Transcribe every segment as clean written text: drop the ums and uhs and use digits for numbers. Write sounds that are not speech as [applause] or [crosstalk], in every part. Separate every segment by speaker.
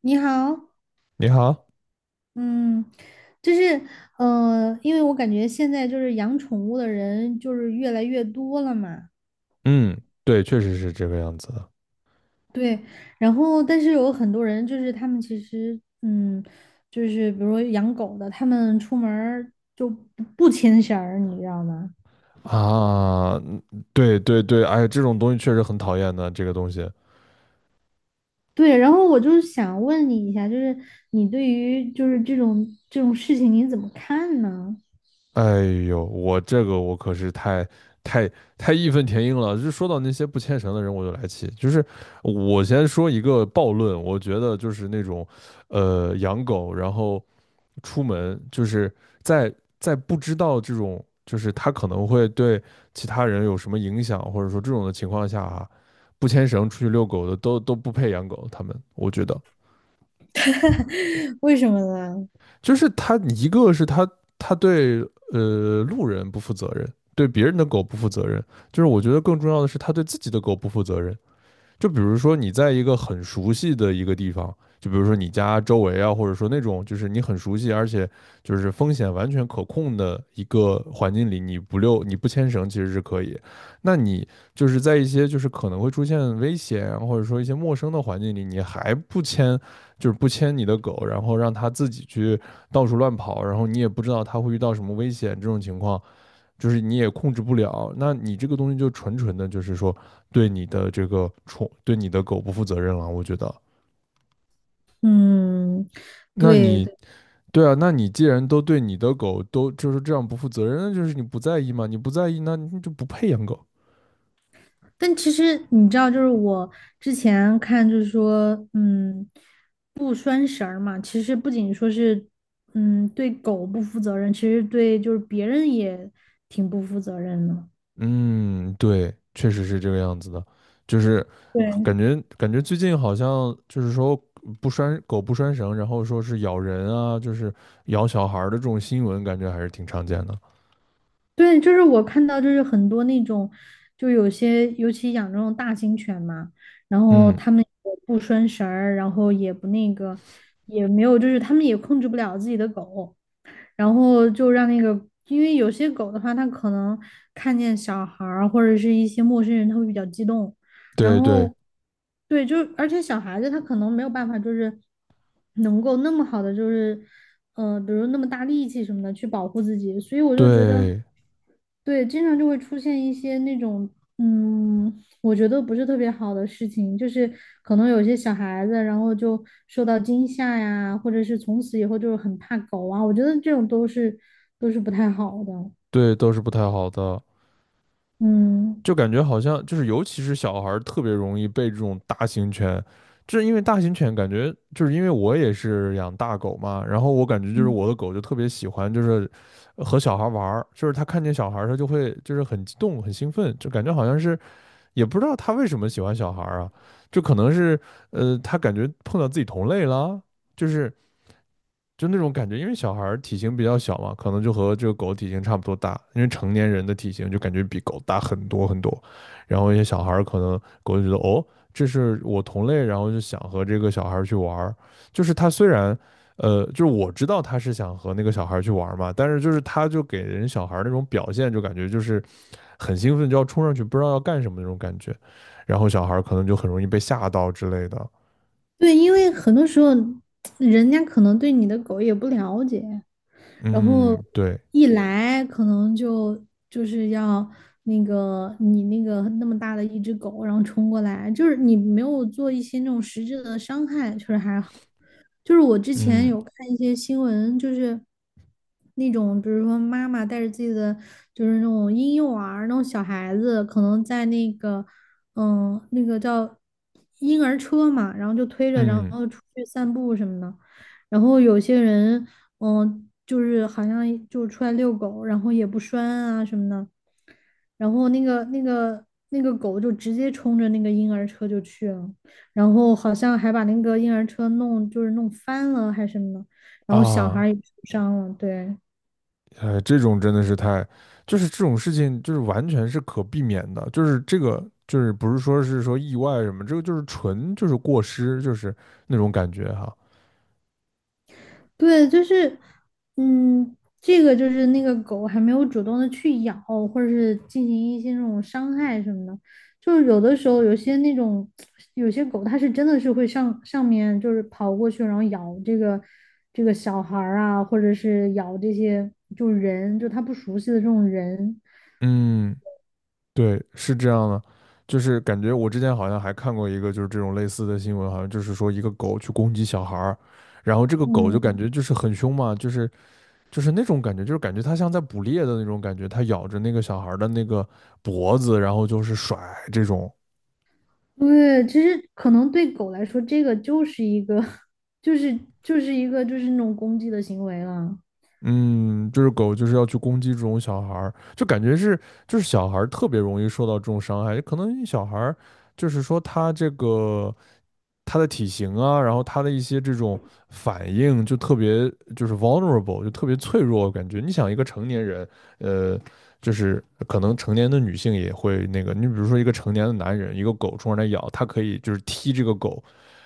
Speaker 1: 你好，
Speaker 2: 你好，
Speaker 1: 嗯，就是因为我感觉现在就是养宠物的人就是越来越多了嘛。
Speaker 2: 嗯，对，确实是这个样子的
Speaker 1: 对，然后但是有很多人就是他们其实嗯，就是比如说养狗的，他们出门儿就不牵绳儿，你知道吗？
Speaker 2: 啊，嗯对对对，哎，这种东西确实很讨厌的，这个东西，
Speaker 1: 对，然后我就是想问你一下，就是你对于就是这种事情你怎么看呢？
Speaker 2: 哎呦，我这个我可是太太太义愤填膺了，就说到那些不牵绳的人我就来气，就是我先说一个暴论，我觉得就是那种养狗，然后出门，就是在在不知道这种，就是他可能会对其他人有什么影响，或者说这种的情况下啊，不牵绳出去遛狗的都不配养狗。他们，我觉得
Speaker 1: [laughs] 为什么呢？
Speaker 2: 就是他一个是他对路人不负责任，对别人的狗不负责任，就是我觉得更重要的是他对自己的狗不负责任。就比如说你在一个很熟悉的一个地方，就比如说你家周围啊，或者说那种就是你很熟悉，而且就是风险完全可控的一个环境里，你不溜你不牵绳其实是可以。那你就是在一些就是可能会出现危险啊或者说一些陌生的环境里，你还不牵，就是不牵你的狗，然后让它自己去到处乱跑，然后你也不知道它会遇到什么危险，这种情况。就是你也控制不了，那你这个东西就纯纯的，就是说对你的这个宠，对你的狗不负责任了。我觉得，
Speaker 1: 嗯，
Speaker 2: 那
Speaker 1: 对
Speaker 2: 你
Speaker 1: 对。
Speaker 2: 对啊，那你既然都对你的狗都就是这样不负责任，那就是你不在意嘛，你不在意，那你就不配养狗。
Speaker 1: 但其实你知道，就是我之前看，就是说，嗯，不拴绳儿嘛，其实不仅说是，嗯，对狗不负责任，其实对就是别人也挺不负责任的。
Speaker 2: 嗯，对，确实是这个样子的，就是感
Speaker 1: 对
Speaker 2: 觉感觉最近好像就是说不拴绳，然后说是咬人啊，就是咬小孩儿的这种新闻，感觉还是挺常见的。
Speaker 1: 对，就是我看到就是很多那种，就有些尤其养这种大型犬嘛，然后
Speaker 2: 嗯，
Speaker 1: 他们也不拴绳儿，然后也不那个，也没有，就是他们也控制不了自己的狗。然后就让那个，因为有些狗的话，它可能看见小孩儿或者是一些陌生人，它会比较激动。然
Speaker 2: 对对
Speaker 1: 后，对，就而且小孩子他可能没有办法，就是能够那么好的，就是比如那么大力气什么的去保护自己，所以我就觉得，
Speaker 2: 对。
Speaker 1: 对，经常就会出现一些那种，嗯，我觉得不是特别好的事情，就是可能有些小孩子，然后就受到惊吓呀，或者是从此以后就是很怕狗啊，我觉得这种都是不太好的。
Speaker 2: 对，都是不太好的，
Speaker 1: 嗯，
Speaker 2: 就感觉好像就是，尤其是小孩儿特别容易被这种大型犬，就是因为大型犬感觉就是因为我也是养大狗嘛，然后我感觉就是
Speaker 1: 嗯。
Speaker 2: 我的狗就特别喜欢就是和小孩玩儿，就是它看见小孩儿它就会就是很激动很兴奋，就感觉好像是也不知道它为什么喜欢小孩儿啊，就可能是它感觉碰到自己同类了，就是就那种感觉，因为小孩体型比较小嘛，可能就和这个狗体型差不多大，因为成年人的体型就感觉比狗大很多很多，然后一些小孩可能狗就觉得哦，这是我同类，然后就想和这个小孩去玩儿就是他虽然。就是我知道他是想和那个小孩去玩儿嘛，但是就是他就给人小孩那种表现，就感觉就是很兴奋，就要冲上去，不知道要干什么那种感觉，然后小孩可能就很容易被吓到之类的。
Speaker 1: 对，因为很多时候人家可能对你的狗也不了解，然后
Speaker 2: 嗯，对，
Speaker 1: 一来可能就是要那个你那个那么大的一只狗，然后冲过来，就是你没有做一些那种实质的伤害，确实还好。就是我之前
Speaker 2: 嗯
Speaker 1: 有看一些新闻，就是那种比如说妈妈带着自己的就是那种婴幼儿那种小孩子，可能在那个。嗯，那个叫婴儿车嘛，然后就推着，然
Speaker 2: 嗯
Speaker 1: 后出去散步什么的。然后有些人，嗯，就是好像就出来遛狗，然后也不拴啊什么的。然后那个狗就直接冲着那个婴儿车就去了，然后好像还把那个婴儿车弄就是弄翻了还是什么的，然后小孩儿
Speaker 2: 啊。
Speaker 1: 也受伤了，对。
Speaker 2: 哎，这种真的是太，就是这种事情，就是完全是可避免的，就是这个，就是不是说是说意外什么，这个就是纯就是过失，就是那种感觉哈。
Speaker 1: 对，就是，嗯，这个就是那个狗还没有主动的去咬，或者是进行一些那种伤害什么的。就是有的时候，有些那种有些狗，它是真的是会上面就是跑过去，然后咬这个小孩儿啊，或者是咬这些就是人，就它不熟悉的这种人。
Speaker 2: 嗯，对，是这样的，就是感觉我之前好像还看过一个就是这种类似的新闻，好像就是说一个狗去攻击小孩儿，然后这个狗就感
Speaker 1: 嗯，
Speaker 2: 觉就是很凶嘛，就是那种感觉，就是感觉它像在捕猎的那种感觉，它咬着那个小孩儿的那个脖子，然后就是甩这种。
Speaker 1: 对，其实可能对狗来说，这个就是一个，[laughs] 就是就是一个就是那种攻击的行为了。
Speaker 2: 嗯，就是狗就是要去攻击这种小孩儿，就感觉是就是小孩儿特别容易受到这种伤害，可能小孩儿就是说他这个他的体型啊，然后他的一些这种反应就特别就是 vulnerable，就特别脆弱，感觉你想一个成年人，呃，就是可能成年的女性也会那个，你比如说一个成年的男人，一个狗冲上来咬，他可以就是踢这个狗，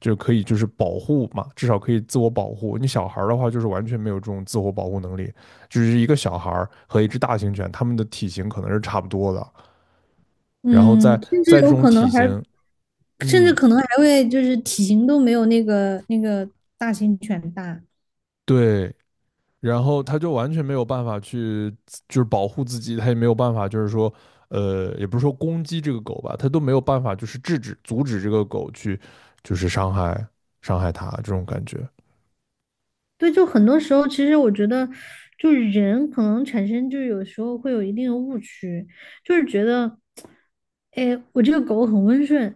Speaker 2: 就可以就是保护嘛，至少可以自我保护。你小孩的话，就是完全没有这种自我保护能力，就是一个小孩和一只大型犬，它们的体型可能是差不多的，然后在
Speaker 1: 嗯，甚至
Speaker 2: 在这
Speaker 1: 有
Speaker 2: 种
Speaker 1: 可
Speaker 2: 体
Speaker 1: 能还
Speaker 2: 型，
Speaker 1: 甚至
Speaker 2: 嗯，
Speaker 1: 可能还会就是体型都没有那个大型犬大。
Speaker 2: 对，然后它就完全没有办法去就是保护自己，它也没有办法就是说，也不是说攻击这个狗吧，它都没有办法就是制止阻止这个狗去就是伤害它这种感觉。
Speaker 1: 对，就很多时候，其实我觉得，就是人可能产生，就有时候会有一定的误区，就是觉得，哎，我这个狗很温顺，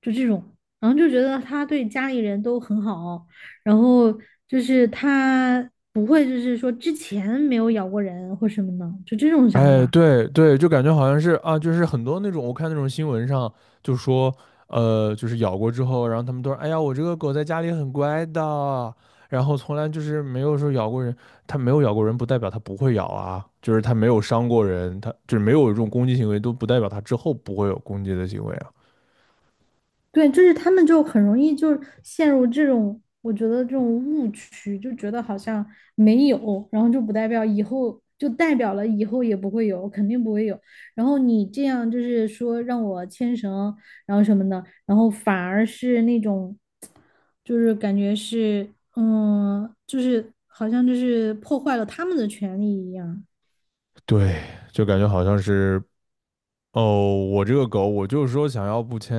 Speaker 1: 就这种，然后就觉得它对家里人都很好，然后就是它不会就是说之前没有咬过人或什么的，就这种想
Speaker 2: 哎，
Speaker 1: 法。
Speaker 2: 对对，就感觉好像是啊，就是很多那种我看那种新闻上就说，就是咬过之后，然后他们都说，哎呀，我这个狗在家里很乖的，然后从来就是没有说咬过人，它没有咬过人，不代表它不会咬啊，就是它没有伤过人，它就是没有这种攻击行为，都不代表它之后不会有攻击的行为啊。
Speaker 1: 对，就是他们就很容易就陷入这种，我觉得这种误区，就觉得好像没有，然后就不代表以后，就代表了以后也不会有，肯定不会有。然后你这样就是说让我牵绳，然后什么的，然后反而是那种，就是感觉是，嗯，就是好像就是破坏了他们的权利一样。
Speaker 2: 对，就感觉好像是，哦，我这个狗，我就是说想要不牵，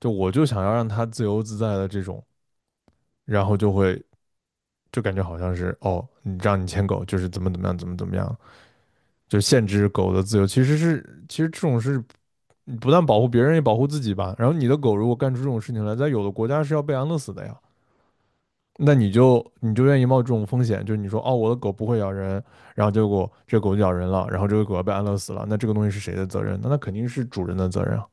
Speaker 2: 就我就想要让它自由自在的这种，然后就会。就感觉好像是哦，你让你牵狗就是怎么怎么样，怎么怎么样，就限制狗的自由。其实是，其实这种是不但保护别人，也保护自己吧。然后你的狗如果干出这种事情来，在有的国家是要被安乐死的呀。那你就你就愿意冒这种风险，就是你说哦，我的狗不会咬人，然后结果这狗咬人了，然后这个狗要被安乐死了，那这个东西是谁的责任？那那肯定是主人的责任啊。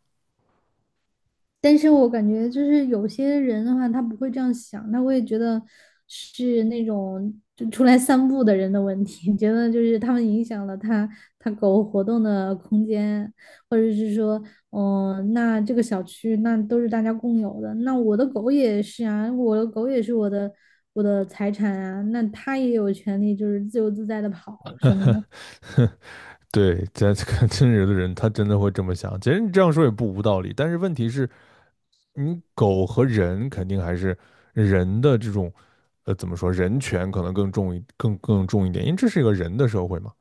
Speaker 1: 但是我感觉就是有些人的话，他不会这样想，他会觉得是那种就出来散步的人的问题，[laughs] 觉得就是他们影响了他狗活动的空间，或者是说，嗯、那这个小区那都是大家共有的，那我的狗也是啊，我的狗也是我的财产啊，那它也有权利就是自由自在的跑什么的。
Speaker 2: [laughs] 对，在这个真有的人，他真的会这么想。其实你这样说也不无道理，但是问题是。你狗和人肯定还是人的这种，怎么说，人权可能更重一点，因为这是一个人的社会嘛。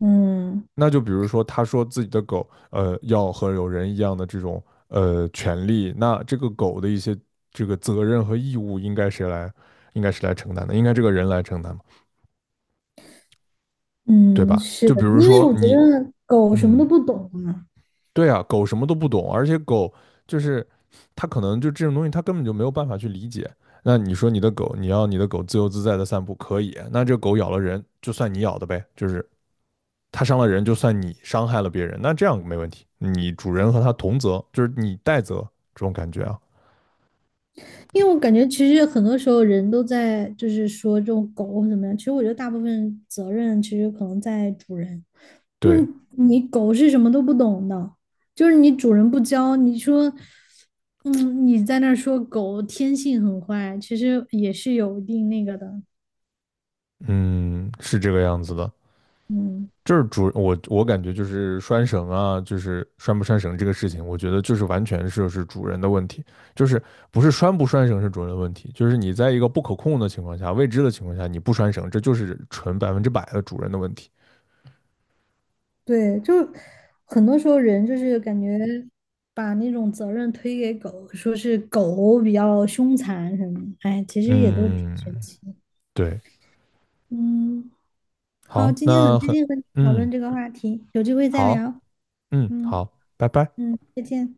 Speaker 1: 嗯
Speaker 2: 那就比如说，他说自己的狗，要和有人一样的这种权利，那这个狗的一些这个责任和义务应该谁来，承担的，应该这个人来承担嘛，对
Speaker 1: 嗯，
Speaker 2: 吧？
Speaker 1: 是
Speaker 2: 就
Speaker 1: 的，
Speaker 2: 比如
Speaker 1: 因为
Speaker 2: 说
Speaker 1: 我觉
Speaker 2: 你，
Speaker 1: 得狗什么都
Speaker 2: 嗯。
Speaker 1: 不懂啊。
Speaker 2: 对啊，狗什么都不懂，而且狗就是它可能就这种东西，它根本就没有办法去理解。那你说你的狗，你要你的狗自由自在的散步可以，那这狗咬了人，就算你咬的呗，就是它伤了人，就算你伤害了别人，那这样没问题，你主人和它同责，就是你代责这种感觉啊。
Speaker 1: 因为我感觉其实很多时候人都在就是说这种狗或怎么样，其实我觉得大部分责任其实可能在主人，就是
Speaker 2: 对，
Speaker 1: 你狗是什么都不懂的，就是你主人不教，你说，嗯，你在那儿说狗天性很坏，其实也是有一定那个的，
Speaker 2: 嗯，是这个样子的。
Speaker 1: 嗯，
Speaker 2: 就是我感觉就是拴绳啊，就是拴不拴绳这个事情，我觉得就是完全就是主人的问题，就是不是拴不拴绳是主人的问题，就是你在一个不可控的情况下、未知的情况下，你不拴绳，这就是纯百分之百的主人的问题。
Speaker 1: 对，就很多时候人就是感觉把那种责任推给狗，说是狗比较凶残什么的，哎，其实也都挺
Speaker 2: 嗯，
Speaker 1: 神奇，
Speaker 2: 对，
Speaker 1: 嗯。好，
Speaker 2: 好，
Speaker 1: 今天很
Speaker 2: 那
Speaker 1: 开
Speaker 2: 很，
Speaker 1: 心和你讨
Speaker 2: 嗯，
Speaker 1: 论这个话题，有机会再聊。
Speaker 2: 好，嗯，
Speaker 1: 嗯
Speaker 2: 好，拜拜。
Speaker 1: 嗯，再见。